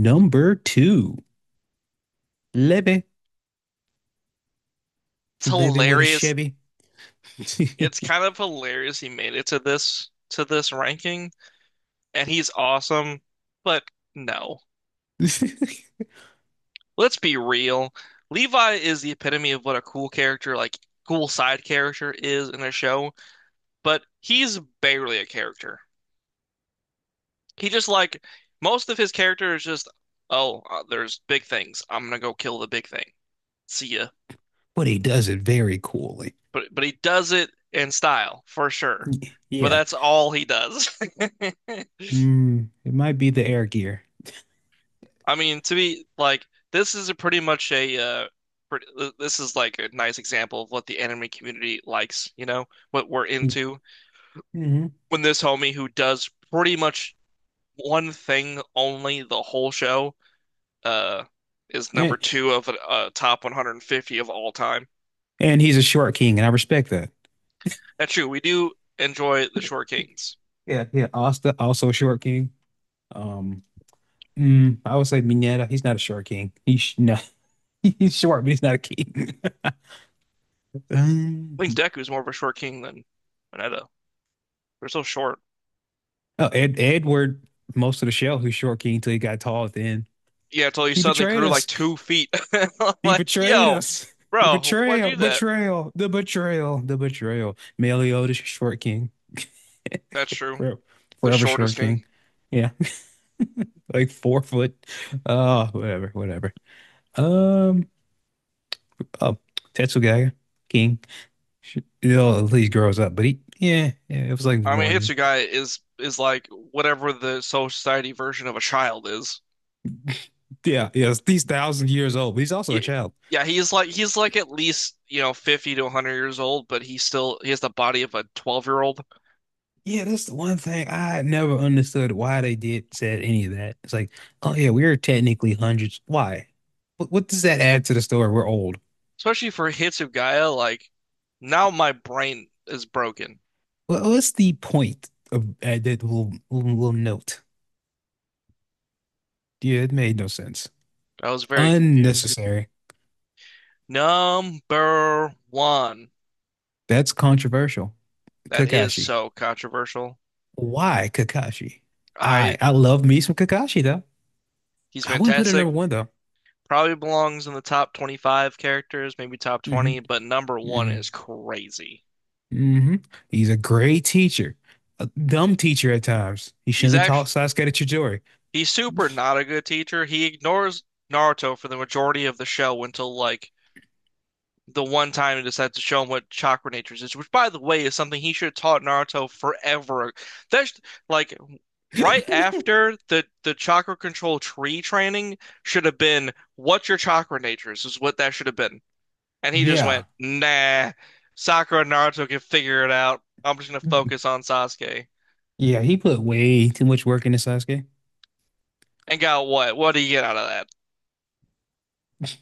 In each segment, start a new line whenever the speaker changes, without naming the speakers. Number two, Levy.
It's
Levy with a
hilarious.
Chevy.
It's kind of hilarious he made it to this ranking, and he's awesome. But no, let's be real. Levi is the epitome of what a cool character, like cool side character, is in a show. But he's barely a character. He just like most of his character is just, oh, there's big things. I'm gonna go kill the big thing. See ya.
But he does it very coolly.
But he does it in style for sure. But
Yeah.
that's all he does.
Mm, it might be the air gear.
I mean, to be like, this is a pretty much a pretty, this is like a nice example of what the anime community likes, what we're into.
Mm-hmm.
When this homie who does pretty much one thing only the whole show, uh, is number
And,
two of a, top 150 of all time.
and he's a short king, and I respect that.
That's true. We do enjoy the short kings.
Yeah, yeah. Asta also a short king. Um, I would say Mineta. He's not a short king. He's no, he's short, but he's not a king. Um,
I think Deku's more of a short king than Vegeta. They're so short.
oh, Ed, Edward, most of the show, who's short king until he got tall at the end.
Yeah, until you
He
suddenly
betrayed
grew like
us.
2 feet.
He
Like,
betrayed
yo,
us. The
bro, why'd you
betrayal,
do that?
betrayal, the betrayal, the betrayal. Meliodas, short king,
That's true.
forever,
The
forever
shortest
short king.
king.
Yeah, like 4 foot. Oh, whatever, whatever. Um, oh, Tetsugaga, king. You know, he grows up, but yeah, yeah, it was like
I mean,
one.
Hitsugai is like whatever the society version of a child is.
Yeah, yeah, he's thousand years old, but he's also a
Yeah,
child.
yeah, he's like at least, you know, 50 to 100 years old, but he still he has the body of a 12-year-old.
Yeah, that's the one thing I never understood why they did said any of that. It's like, oh yeah, we're technically hundreds. Why? What does that add to the story? We're old.
Especially for Hitsugaya, like now my brain is broken.
What's the point of that little, little note? Yeah, it made no sense.
I was very confused.
Unnecessary.
Number one.
That's controversial.
That is
Kakashi.
so controversial.
Why Kakashi? I
I
I love me some Kakashi though.
He's
I wouldn't put it
fantastic.
number one though.
Probably belongs in the top 25 characters, maybe top
hmm
20, but number one
hmm
is crazy.
hmm He's a great teacher, a dumb teacher at times. He shouldn't
He's
have taught
actually
Sasuke to Chidori.
he's super not a good teacher. He ignores Naruto for the majority of the show until like the one time he decides to show him what chakra natures is, which by the way is something he should have taught Naruto forever. That's like right after the chakra control tree training should have been what's your chakra natures is what that should have been. And he just went,
Yeah,
nah, Sakura and Naruto can figure it out. I'm just gonna focus on Sasuke.
yeah, he put way too much work into Sasuke.
And got what? What do you get out of that?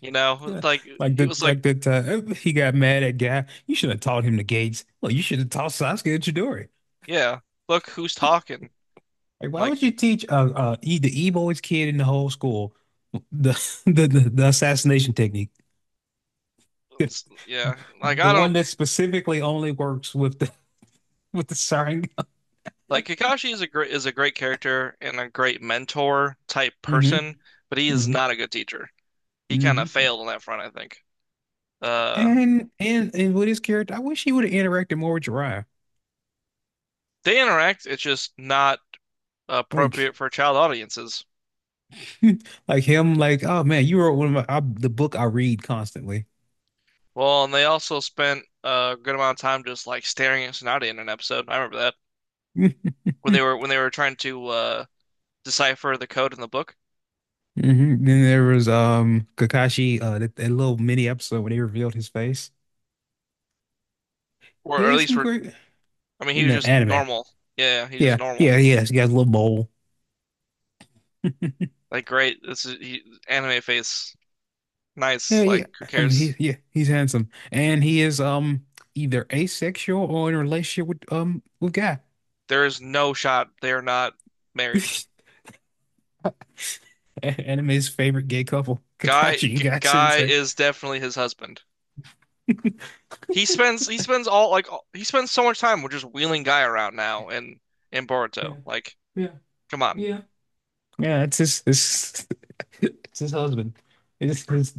You know,
Yeah,
like
Like
he
the
was like,
like that he got mad at Guy. You should have taught him the gates. Well, you should have taught Sasuke to Chidori.
yeah, look who's talking.
Like, why
Like,
would you teach the e kid in the whole school the the assassination technique,
yeah, like
the
I
one
don't
that specifically only works with the Sharingan.
like Kakashi is a great character and a great mentor type
hmm
person, but he is
hmm
not a good teacher. He kind of
hmm
failed on that front, I think. Uh,
and with his character, I wish he would have interacted more with Jiraiya.
they interact, it's just not appropriate
Like
for child audiences.
like him, like, oh man, you wrote one of the book I read constantly.
Well, and they also spent a good amount of time just like staring at Tsunade in an episode. I remember that when they were trying to decipher the code in the book,
Mhm. Then there was Kakashi, that little mini episode where they revealed his face. He
or at
has
least
some
were.
great
I mean, he
in
was
the
just
anime.
normal. Yeah, he was just
Yeah,
normal.
yeah, he has. He has a little mole.
Like, great, anime face.
Yeah,
Nice.
yeah.
Like, who
I mean he
cares?
yeah, he's handsome. And he is either asexual or in a relationship with Guy.
There is no shot they are not married.
Anime's favorite gay couple,
Guy,
Kakashi and
G
Guy
Guy
Sensei.
is definitely his husband. He spends all like all, he spends so much time with just wheeling Guy around now in
Yeah,
Boruto. Like,
yeah,
come on
yeah, yeah. It's his, it's his husband. It's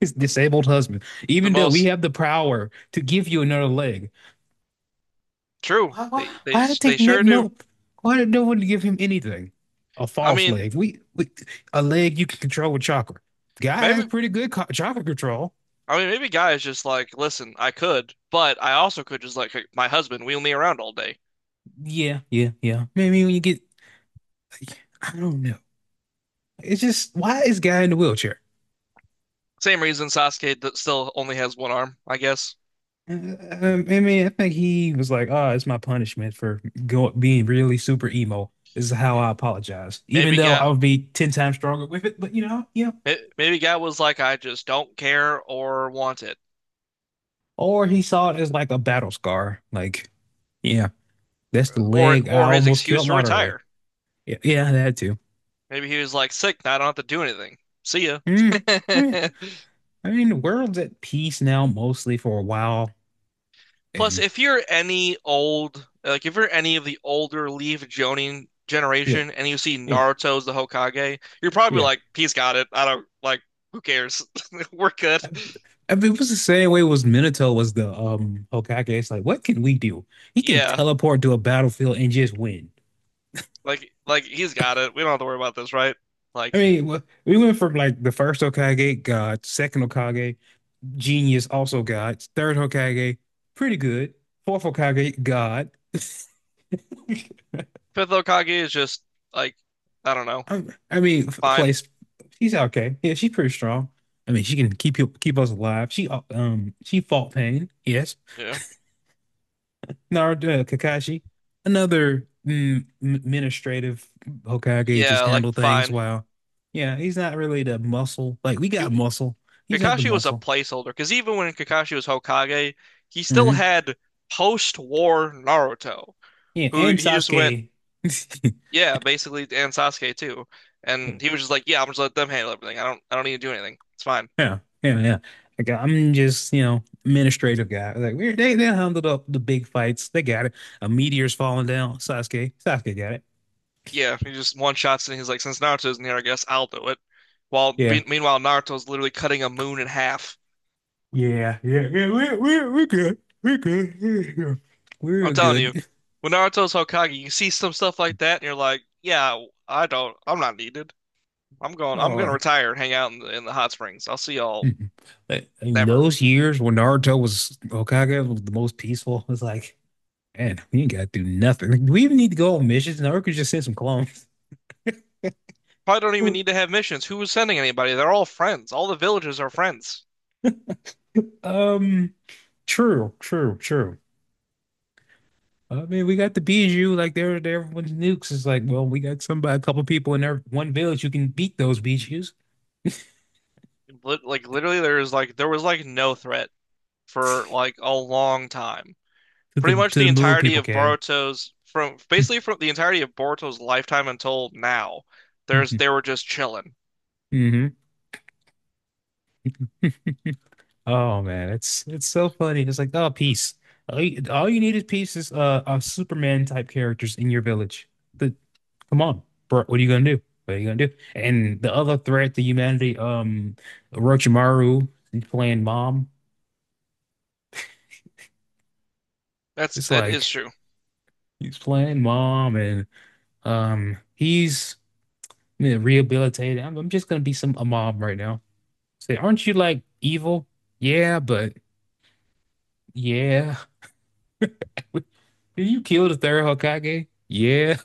his disabled husband.
the
Even though we
most.
have the power to give you another leg,
True.
why, why,
They they
why did they
they
no,
sure do.
no? Why did no one give him anything? A
I
false
mean,
leg. We a leg you can control with chakra. Guy has
maybe
pretty good chakra control.
I mean maybe guys just like, listen, I could, but I also could just like my husband wheel me around all day.
Yeah, yeah, yeah. Maybe when you get, I don't know. It's just why is guy in the wheelchair?
Same reason Sasuke that still only has one arm, I guess.
Um, I mean, I think he was like, "Oh, it's my punishment for go being really super emo. This is how I apologize, even
Maybe
though I
guy
would be ten times stronger with it." But you know, yeah.
maybe guy was like, I just don't care or want it,
Or he saw it as like a battle scar. Like, yeah, that's the leg I
or his
almost
excuse
killed
to
Madara with.
retire.
Yeah, yeah, that too.
Maybe he was like sick, now I don't have to do anything. See ya.
Mm, I mean, I mean, the world's at peace now, mostly for a while,
Plus,
and
if you're any old, like if you're any of the older Leaf Jonin
yeah,
generation and you see
yeah,
Naruto's the Hokage, you're probably
yeah.
like, he's got it. I don't like, who cares? We're good.
I it was the same way was Minato was the Hokage. It's like, what can we do? He can
Yeah,
teleport to a battlefield and just win.
like he's got it. We don't have to worry about this, right?
I
Like
mean, we went from like the first Hokage, God, second Hokage, genius, also God, third Hokage, pretty good, fourth Hokage, God.
Fifth Hokage is just like, I don't know,
I, I mean,
fine.
she's okay. Yeah, she's pretty strong. I mean, she can keep us alive. She fought pain. Yes,
Yeah,
Kakashi, another administrative Hokage just
yeah, like
handle
fine.
yeah, he's not really the muscle. Like we got
He,
muscle, he's not the
Kakashi was a
muscle.
placeholder because even when Kakashi was Hokage, he still
hmm
had post-war Naruto,
Yeah,
who
and
he just went.
Sasuke.
Yeah, basically, and Sasuke too. And he was just like, "Yeah, I'm just let them handle everything. I don't need to do anything. It's fine."
Yeah, yeah, yeah, yeah. Like I'm just, you know, administrative guy. Like we they handled up the big fights. They got it. A meteor's falling down. Sasuke got it.
Yeah, he just one shots and he's like, "Since Naruto's in here, I guess I'll do it." While
Yeah,
be meanwhile, Naruto's literally cutting a moon in half.
yeah, yeah, yeah. We're we good. We're good. We're good.
I'm
We're
telling you,
good.
when Naruto's Hokage, you see some stuff like that, and you're like, "Yeah, I don't. I'm not needed. I'm going. I'm
All
going to
right.
retire and hang out in the hot springs. I'll see y'all
Mhm. I mean,
never.
those years when Naruto was Hokage was the most peaceful. It's like, man, we ain't got to do nothing. Like, do we even need to go on missions? Naruto could just send some clones.
Probably don't even
Or,
need to have missions. Who was sending anybody? They're all friends. All the villagers are friends.
um, true, true, true. I mean, we got the Biju, like they're everyone's nukes. It's like, well, we got somebody, a couple people in their one village who can beat those Bijus
Like literally, there was like no threat for like a long time. Pretty much
to the
the
moon
entirety
people
of
came.
Boruto's from basically from the entirety of Boruto's lifetime until now, there's they were just chilling.
hmm Oh man, it's so funny. It's like, oh, peace. All you need is peace is Superman type characters in your village. The, come on, bro. What are you gonna do? What are you gonna do? And the other threat to humanity, Orochimaru, he's playing mom.
That's
It's
that is
like
true.
he's playing mom, and he's you know, rehabilitated. I'm just gonna be some a mom right now. Say, aren't you like evil? Yeah, but yeah. You killed the third Hokage? Yeah.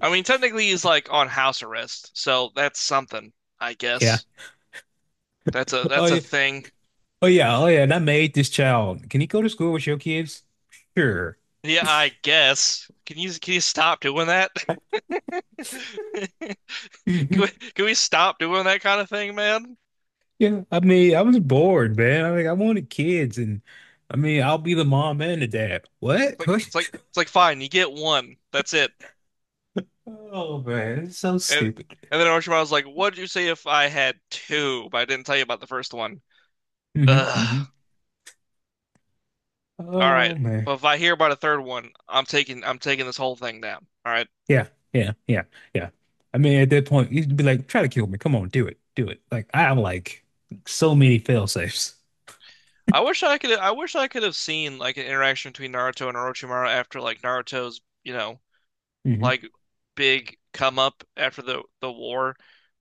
I mean, technically he's like on house arrest, so that's something, I
Yeah.
guess. That's a
Oh
that's a
yeah,
thing.
oh yeah, oh yeah, and I made this child. Can he go to school with your kids? Sure.
Yeah, I guess. Can you stop doing that? Can
Mhm.
we, can we stop doing that kind of thing, man?
Yeah, I mean, I was bored, man. I mean, I wanted kids, and I mean, I'll be the mom and the dad. What?
Like it's like it's like fine, you get one. That's it.
What? Oh man, it's so
And
stupid.
and then Orochimaru was like, "What'd you say if I had two, but I didn't tell you about the first one?"
hmm hmm
Ugh. All right.
Oh man.
But if I hear about a third one, I'm taking this whole thing down. All right.
Yeah, yeah, yeah, yeah. I mean, at that point, you'd be like, try to kill me. Come on, do it, do it. Like I have like so many fail safes.
I wish I could have seen like an interaction between Naruto and Orochimaru after like Naruto's, you know,
hmm
like big come up after the war.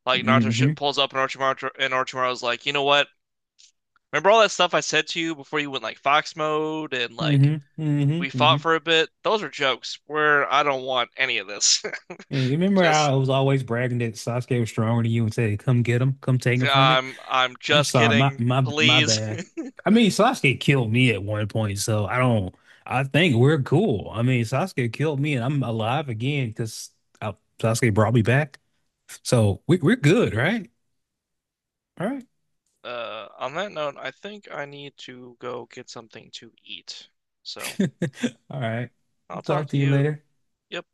Like Naruto sh
hmm
pulls up and Orochimaru and Orochimaru's like, "You know what? Remember all that stuff I said to you before you went like fox mode and like
hmm hmm
we
hmm
fought for a bit. Those are jokes. Where I don't want any of this."
And you remember how
Just
I was always bragging that Sasuke was stronger than you and said, "Come get him, come take him from me."
I'm
I'm
just
sorry,
kidding.
my
Please.
bad. I mean, Sasuke killed me at one point, so I don't. I think we're cool. I mean, Sasuke killed me, and I'm alive again because Sasuke brought me back. So we're good, right? All right,
On that note, I think I need to go get something to eat. So
all right. I'll
I'll talk
talk to
to
you
you.
later.
Yep.